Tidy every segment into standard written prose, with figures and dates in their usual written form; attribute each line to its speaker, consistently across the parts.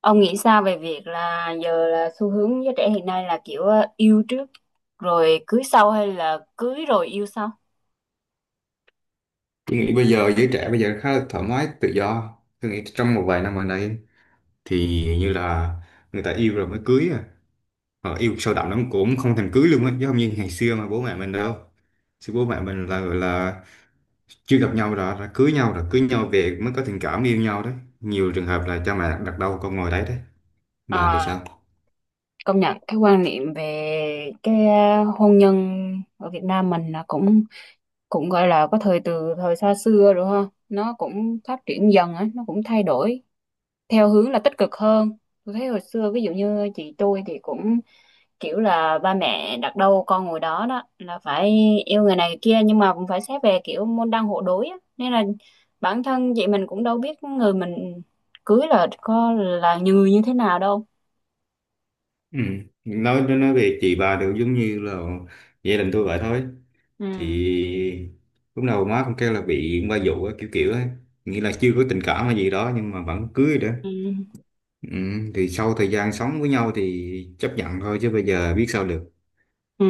Speaker 1: Ông nghĩ sao về việc là giờ là xu hướng giới trẻ hiện nay là kiểu yêu trước rồi cưới sau hay là cưới rồi yêu sau?
Speaker 2: Tôi nghĩ bây giờ giới trẻ bây giờ khá là thoải mái tự do, tôi nghĩ trong một vài năm gần đây thì như là người ta yêu rồi mới cưới à, họ yêu sâu đậm lắm cũng không thèm cưới luôn á, chứ không như ngày xưa mà bố mẹ mình đâu. Xưa bố mẹ mình là gọi là chưa gặp nhau đã cưới nhau, rồi cưới nhau về mới có tình cảm yêu nhau đấy. Nhiều trường hợp là cha mẹ đặt đâu con ngồi đấy đấy. Bà thì
Speaker 1: À,
Speaker 2: sao?
Speaker 1: công nhận cái quan niệm về cái hôn nhân ở Việt Nam mình là cũng cũng gọi là có thời từ thời xa xưa rồi ha, nó cũng phát triển dần á, nó cũng thay đổi theo hướng là tích cực hơn. Tôi thấy hồi xưa ví dụ như chị tôi thì cũng kiểu là ba mẹ đặt đâu con ngồi đó, đó là phải yêu người này người kia nhưng mà cũng phải xét về kiểu môn đăng hộ đối á. Nên là bản thân chị mình cũng đâu biết người mình cưới là có là người như thế nào đâu.
Speaker 2: Ừ. nói về chị bà đều giống như là gia đình tôi vậy thôi.
Speaker 1: Ừ.
Speaker 2: Thì lúc đầu má cũng kêu là bị ba dụ á, kiểu kiểu ấy, nghĩa là chưa có tình cảm hay gì đó nhưng mà vẫn cưới đó.
Speaker 1: Ừ.
Speaker 2: Ừ, thì sau thời gian sống với nhau thì chấp nhận thôi chứ bây giờ biết sao được.
Speaker 1: Ừ.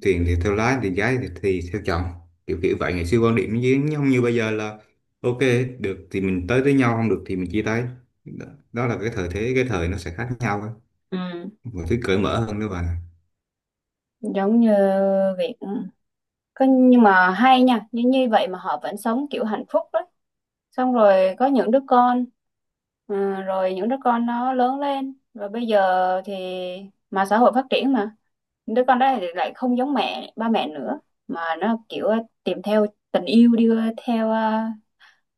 Speaker 2: Tiền thì theo lái, tiền gái thì theo chồng, kiểu kiểu vậy. Ngày xưa quan điểm với nhau, như bây giờ là ok, được thì mình tới với nhau, không được thì mình chia tay. Đó, đó là cái thời thế, cái thời nó sẽ khác nhau thôi,
Speaker 1: Ừ.
Speaker 2: mọi thứ cởi mở hơn nữa bà.
Speaker 1: Giống như việc có, nhưng mà hay nha, như như vậy mà họ vẫn sống kiểu hạnh phúc đấy, xong rồi có những đứa con, ừ, rồi những đứa con nó lớn lên và bây giờ thì mà xã hội phát triển mà đứa con đó thì lại không giống mẹ ba mẹ nữa, mà nó kiểu tìm theo tình yêu đi theo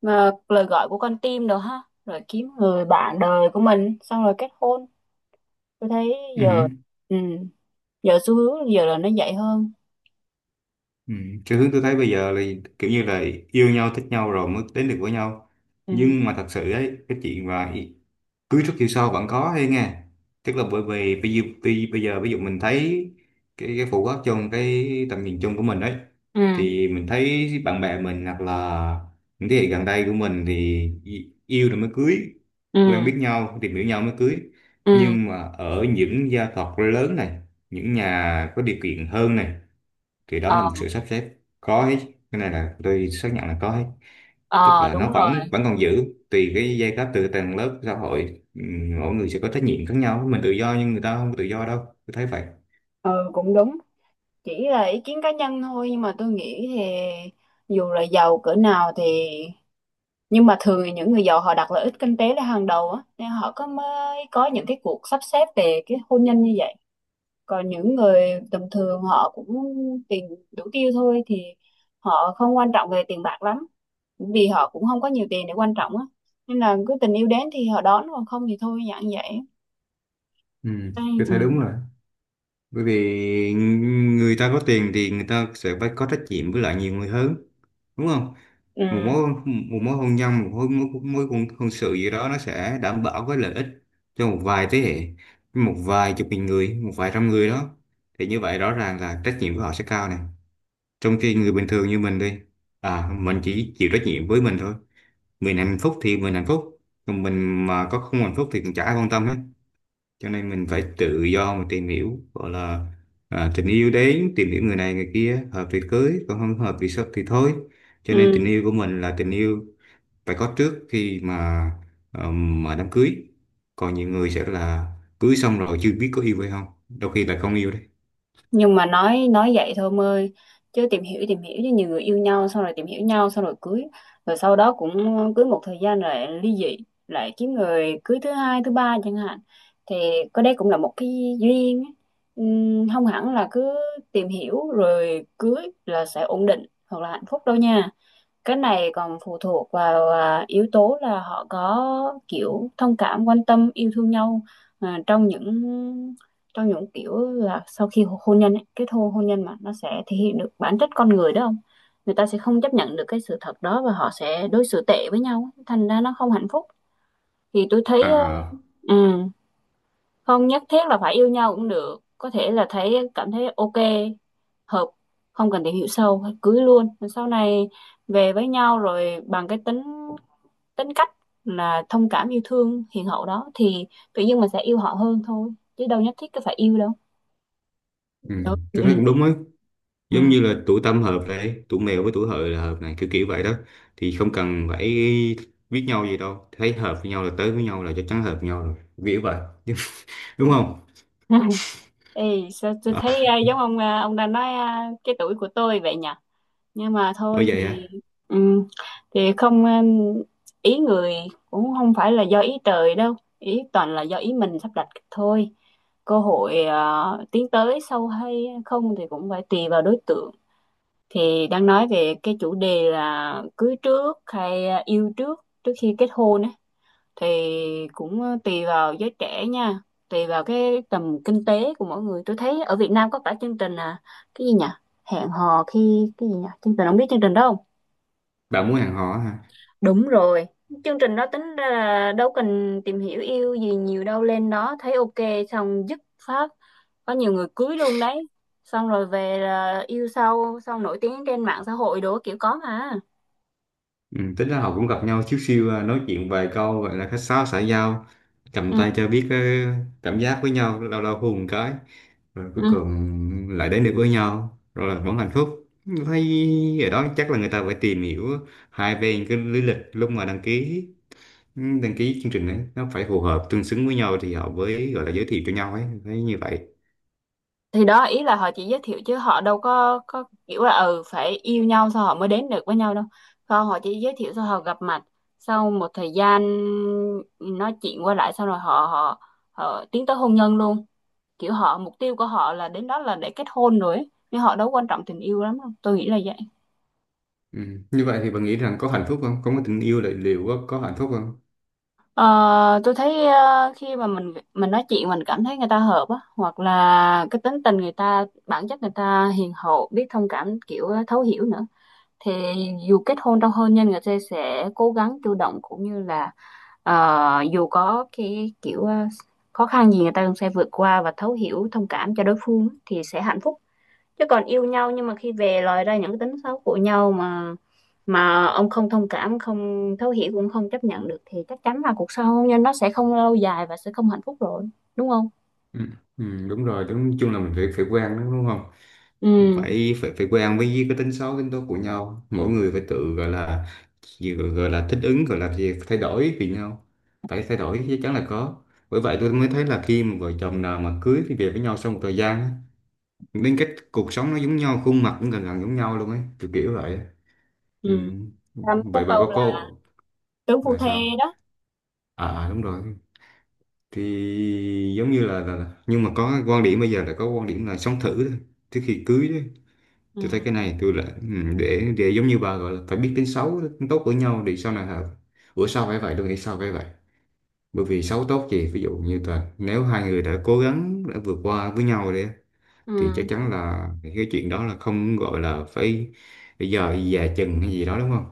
Speaker 1: mà lời gọi của con tim đồ ha, rồi kiếm người bạn đời của mình xong rồi kết hôn. Tôi thấy
Speaker 2: Ừ.
Speaker 1: giờ, ừ, giờ xu hướng giờ là nó dạy hơn.
Speaker 2: Ừ. Cái hướng tôi thấy bây giờ là kiểu như là yêu nhau thích nhau rồi mới đến được với nhau,
Speaker 1: Ừ.
Speaker 2: nhưng mà thật sự ấy, cái chuyện mà cưới trước yêu sau vẫn có hay nghe. Tức là bởi vì bây giờ, bây bây giờ ví dụ mình thấy cái phổ quát trong cái tầm nhìn chung của mình ấy,
Speaker 1: Ừ.
Speaker 2: thì mình thấy bạn bè mình hoặc là những thế hệ gần đây của mình thì yêu rồi mới cưới, quen
Speaker 1: Ừ.
Speaker 2: biết nhau tìm hiểu nhau mới cưới.
Speaker 1: Ừ.
Speaker 2: Nhưng mà ở những gia tộc lớn này, những nhà có điều kiện hơn này, thì đó là
Speaker 1: Ờ.
Speaker 2: một sự sắp xếp, có hết. Cái này là tôi xác nhận là có hết. Tức
Speaker 1: Ờ,
Speaker 2: là
Speaker 1: đúng
Speaker 2: nó
Speaker 1: rồi.
Speaker 2: vẫn vẫn còn giữ, tùy cái giai cấp, từ tầng lớp xã hội, mỗi người sẽ có trách nhiệm khác nhau. Mình tự do nhưng người ta không tự do đâu, tôi thấy vậy.
Speaker 1: Ừ, cũng đúng. Chỉ là ý kiến cá nhân thôi nhưng mà tôi nghĩ thì dù là giàu cỡ nào thì, nhưng mà thường thì những người giàu họ đặt lợi ích kinh tế lên hàng đầu á, nên họ có mới có những cái cuộc sắp xếp về cái hôn nhân như vậy. Còn những người tầm thường họ cũng tiền đủ tiêu thôi thì họ không quan trọng về tiền bạc lắm, vì họ cũng không có nhiều tiền để quan trọng á, nên là cứ tình yêu đến thì họ đón, còn không thì thôi dạng vậy.
Speaker 2: Ừ, tôi thấy đúng
Speaker 1: Ừ.
Speaker 2: rồi. Bởi vì người ta có tiền thì người ta sẽ phải có trách nhiệm với lại nhiều người hơn, đúng không?
Speaker 1: Ừ.
Speaker 2: Một mối hôn nhân, một mối mối, mối hôn, hôn sự gì đó, nó sẽ đảm bảo cái lợi ích cho một vài thế hệ, một vài chục nghìn người, một vài trăm người đó. Thì như vậy rõ ràng là trách nhiệm của họ sẽ cao này. Trong khi người bình thường như mình đi, à, mình chỉ chịu trách nhiệm với mình thôi. Mình hạnh phúc thì mình hạnh phúc, còn mình mà có không hạnh phúc thì cũng chả ai quan tâm hết. Cho nên mình phải tự do mà tìm hiểu, gọi là à, tình yêu đến, tìm hiểu người này người kia, hợp thì cưới, còn không hợp thì sắp thì thôi. Cho nên tình
Speaker 1: Ừ.
Speaker 2: yêu của mình là tình yêu phải có trước khi mà đám cưới. Còn nhiều người sẽ là cưới xong rồi chưa biết có yêu hay không, đôi khi là không yêu đấy.
Speaker 1: Nhưng mà nói vậy thôi em ơi, chứ tìm hiểu chứ nhiều người yêu nhau xong rồi tìm hiểu nhau xong rồi cưới, rồi sau đó cũng cưới một thời gian rồi ly dị, lại kiếm người cưới thứ hai thứ ba chẳng hạn. Thì có đây cũng là một cái duyên ấy. Không hẳn là cứ tìm hiểu rồi cưới là sẽ ổn định hoặc là hạnh phúc đâu nha. Cái này còn phụ thuộc vào yếu tố là họ có kiểu thông cảm quan tâm yêu thương nhau, à, trong những trong những kiểu là sau khi hôn nhân ấy, kết hôn hôn nhân mà nó sẽ thể hiện được bản chất con người đó không. Người ta sẽ không chấp nhận được cái sự thật đó và họ sẽ đối xử tệ với nhau thành ra nó không hạnh phúc. Thì tôi thấy
Speaker 2: À,
Speaker 1: ừ, không nhất thiết là phải yêu nhau cũng được, có thể là thấy cảm thấy ok, hợp, không cần tìm hiểu sâu cưới luôn. Rồi sau này về với nhau rồi bằng cái tính tính cách là thông cảm yêu thương hiền hậu đó thì tự nhiên mình sẽ yêu họ hơn thôi, chứ đâu nhất thiết cứ phải yêu đâu.
Speaker 2: ừ,
Speaker 1: Đúng.
Speaker 2: tôi
Speaker 1: Ừ.
Speaker 2: thấy cũng đúng ấy.
Speaker 1: Ừ.
Speaker 2: Giống như là tuổi tam hợp này, tuổi mèo với tuổi hợi là hợp này, kiểu kiểu vậy đó. Thì không cần phải biết nhau gì đâu, thấy hợp với nhau là tới với nhau, là chắc chắn hợp với nhau rồi, kiểu vậy. Đúng không?
Speaker 1: Ê, sao tôi thấy giống ông ông đang nói cái tuổi của tôi vậy nhỉ? Nhưng mà
Speaker 2: Ở
Speaker 1: thôi
Speaker 2: vậy hả?
Speaker 1: ừm, thì không, ý người cũng không phải là do ý trời đâu, ý toàn là do ý mình sắp đặt thôi. Cơ hội tiến tới sâu hay không thì cũng phải tùy vào đối tượng. Thì đang nói về cái chủ đề là cưới trước hay yêu trước trước khi kết hôn á, thì cũng tùy vào giới trẻ nha, tùy vào cái tầm kinh tế của mỗi người. Tôi thấy ở Việt Nam có cả chương trình cái gì nhỉ, hẹn hò khi cái gì nhỉ, chương trình không biết chương trình đó không.
Speaker 2: Bạn muốn hẹn hò hả?
Speaker 1: Đúng rồi, chương trình đó tính ra là đâu cần tìm hiểu yêu gì nhiều đâu, lên đó thấy ok xong dứt phát có nhiều người cưới luôn đấy, xong rồi về là yêu sau xong nổi tiếng trên mạng xã hội đồ kiểu có mà.
Speaker 2: Ừ, tính ra họ cũng gặp nhau xíu xíu à, nói chuyện vài câu gọi là khách sáo xã giao, cầm tay cho biết ờ, cảm giác với nhau, lâu lâu hôn một cái, rồi cuối
Speaker 1: Ừ.
Speaker 2: cùng lại đến được với nhau, rồi là vẫn hạnh phúc. Thấy ở đó chắc là người ta phải tìm hiểu hai bên, cái lý lịch lúc mà đăng ký, ừ, đăng ký chương trình ấy, nó phải phù hợp tương xứng với nhau thì họ mới gọi là giới thiệu cho nhau ấy, thấy như vậy.
Speaker 1: Thì đó ý là họ chỉ giới thiệu chứ họ đâu có kiểu là ừ phải yêu nhau sao họ mới đến được với nhau đâu, không họ chỉ giới thiệu sao họ gặp mặt, sau một thời gian nói chuyện qua lại sau rồi họ họ họ tiến tới hôn nhân luôn, kiểu họ mục tiêu của họ là đến đó là để kết hôn rồi ấy. Nhưng họ đâu quan trọng tình yêu lắm đâu, tôi nghĩ là vậy.
Speaker 2: Ừ. Như vậy thì bạn nghĩ rằng có hạnh phúc không, có, có tình yêu là liệu có hạnh phúc không?
Speaker 1: Ờ, tôi thấy ờ, khi mà mình nói chuyện mình cảm thấy người ta hợp á, hoặc là cái tính tình người ta bản chất người ta hiền hậu biết thông cảm kiểu thấu hiểu nữa, thì dù kết hôn trong hôn nhân người ta sẽ cố gắng chủ động cũng như là ờ, dù có cái kiểu khó khăn gì người ta cũng sẽ vượt qua và thấu hiểu thông cảm cho đối phương thì sẽ hạnh phúc. Chứ còn yêu nhau nhưng mà khi về lòi ra những cái tính xấu của nhau mà ông không thông cảm không thấu hiểu cũng không chấp nhận được thì chắc chắn là cuộc sống hôn nhân nó sẽ không lâu dài và sẽ không hạnh phúc rồi, đúng không?
Speaker 2: Ừ. Ừ, đúng rồi, đúng chung là mình phải phải quen, đúng đúng không?
Speaker 1: Ừ.
Speaker 2: Phải phải phải quen với cái tính xấu tính tốt của nhau, mỗi người phải tự gọi là gì, gọi gọi là thích ứng, gọi là gì, thay đổi vì nhau. Phải thay đổi, chắc chắn là có. Bởi vậy tôi mới thấy là khi mà vợ chồng nào mà cưới thì về với nhau sau một thời gian á, đến cái cuộc sống nó giống nhau, khuôn mặt cũng gần gần giống nhau luôn ấy, kiểu kiểu vậy. Ừ.
Speaker 1: Ừ. Ta mới
Speaker 2: Vậy
Speaker 1: có
Speaker 2: bà
Speaker 1: câu
Speaker 2: có
Speaker 1: là
Speaker 2: cô
Speaker 1: tướng phu
Speaker 2: là
Speaker 1: thê
Speaker 2: sao?
Speaker 1: đó.
Speaker 2: À à, đúng rồi. Thì giống như là, nhưng mà có quan điểm bây giờ là có quan điểm là sống thử thôi, trước khi cưới đó.
Speaker 1: Ừ.
Speaker 2: Tôi thấy cái này tôi là ừ, để giống như bà gọi là phải biết tính xấu tính tốt của nhau để sau này hợp, bữa sau phải vậy. Tôi nghĩ sao phải vậy, bởi vì xấu tốt gì, ví dụ như là nếu hai người đã cố gắng đã vượt qua với nhau đi, thì chắc
Speaker 1: Ừ.
Speaker 2: chắn là cái chuyện đó là không gọi là phải bây giờ già chừng hay gì đó, đúng không?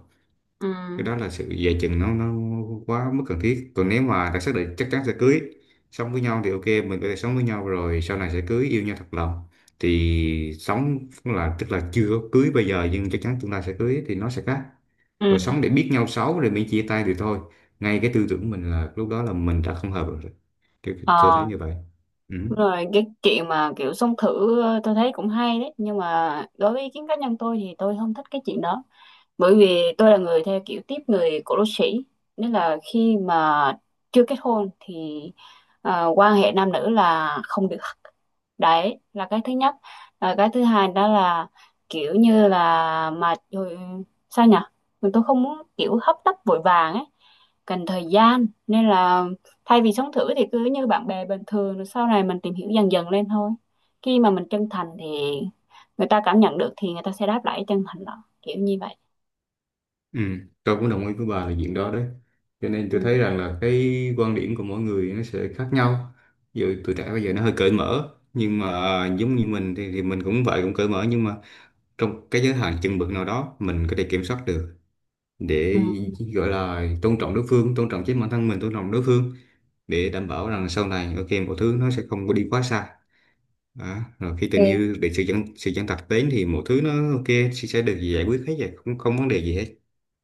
Speaker 1: Ừ.
Speaker 2: Cái đó là sự dè chừng, nó quá mức cần thiết. Còn nếu mà đã xác định chắc chắn sẽ cưới, sống với nhau thì ok, mình có thể sống với nhau rồi sau này sẽ cưới, yêu nhau thật lòng. Thì sống là tức là chưa có cưới bây giờ nhưng chắc chắn tương lai sẽ cưới, thì nó sẽ khác. Còn
Speaker 1: Ừ.
Speaker 2: sống để biết nhau xấu rồi mới chia tay thì thôi, ngay cái tư tưởng mình là lúc đó là mình đã không hợp rồi. Tôi thấy
Speaker 1: Ờ.
Speaker 2: như vậy. Ừ.
Speaker 1: Rồi cái chuyện mà kiểu xông thử ờ, tôi thấy cũng hay đấy nhưng mà đối với ý kiến cá nhân tôi thì tôi không thích cái chuyện đó. Bởi vì tôi là người theo kiểu tiếp người cổ đô sĩ, nên là khi mà chưa kết hôn thì quan hệ nam nữ là không được, đấy là cái thứ nhất. Cái thứ hai đó là kiểu như là mà ừ, sao nhỉ, mình tôi không muốn kiểu hấp tấp vội vàng ấy, cần thời gian, nên là thay vì sống thử thì cứ như bạn bè bình thường rồi sau này mình tìm hiểu dần dần lên thôi. Khi mà mình chân thành thì người ta cảm nhận được thì người ta sẽ đáp lại chân thành đó, kiểu như vậy.
Speaker 2: Ừ, tôi cũng đồng ý với bà là chuyện đó đấy. Cho nên
Speaker 1: Ừ.
Speaker 2: tôi thấy rằng là cái quan điểm của mỗi người nó sẽ khác nhau. Ví dụ tuổi trẻ bây giờ nó hơi cởi mở, nhưng mà giống như mình thì mình cũng vậy, cũng cởi mở nhưng mà trong cái giới hạn chừng mực nào đó mình có thể kiểm soát được
Speaker 1: Ừ.
Speaker 2: để gọi là tôn trọng đối phương, tôn trọng chính bản thân mình, tôn trọng đối phương, để đảm bảo rằng sau này ok mọi thứ nó sẽ không có đi quá xa. Đó. Rồi khi tình
Speaker 1: Thì
Speaker 2: yêu, để sự chân thật đến thì mọi thứ nó ok, sẽ được giải quyết hết rồi, không không vấn đề gì hết.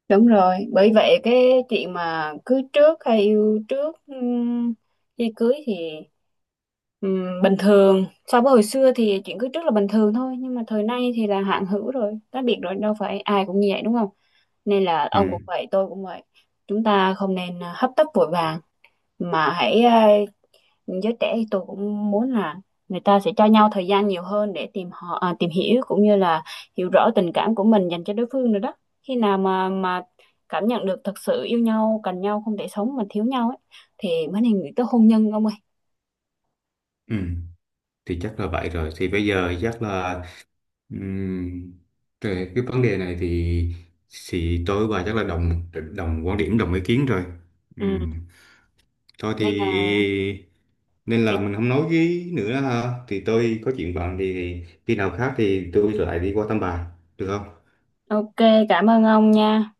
Speaker 1: đúng rồi, bởi vậy cái chuyện mà cưới trước hay yêu trước khi cưới thì bình thường. So với hồi xưa thì chuyện cưới trước là bình thường thôi, nhưng mà thời nay thì là hạn hữu rồi, cá biệt rồi, đâu phải ai cũng như vậy đúng không? Nên là ông
Speaker 2: Ừ.
Speaker 1: cũng vậy, tôi cũng vậy. Chúng ta không nên hấp tấp vội vàng mà hãy giới trẻ thì tôi cũng muốn là người ta sẽ cho nhau thời gian nhiều hơn để tìm họ tìm hiểu cũng như là hiểu rõ tình cảm của mình dành cho đối phương nữa đó. Khi nào mà cảm nhận được thật sự yêu nhau cần nhau không thể sống mà thiếu nhau ấy thì mới nên nghĩ tới hôn nhân ông ơi.
Speaker 2: Ừ. Thì chắc là vậy rồi, thì bây giờ chắc là ừm, về cái vấn đề này thì tôi và chắc là đồng đồng quan điểm, đồng ý kiến rồi.
Speaker 1: Ừ.
Speaker 2: Ừm, thôi
Speaker 1: Nên là
Speaker 2: thì nên
Speaker 1: thì
Speaker 2: là mình không nói với nữa ha, thì tôi có chuyện bận thì khi nào khác thì tôi lại đi qua thăm bà, được không?
Speaker 1: ok. Cảm ơn ông nha.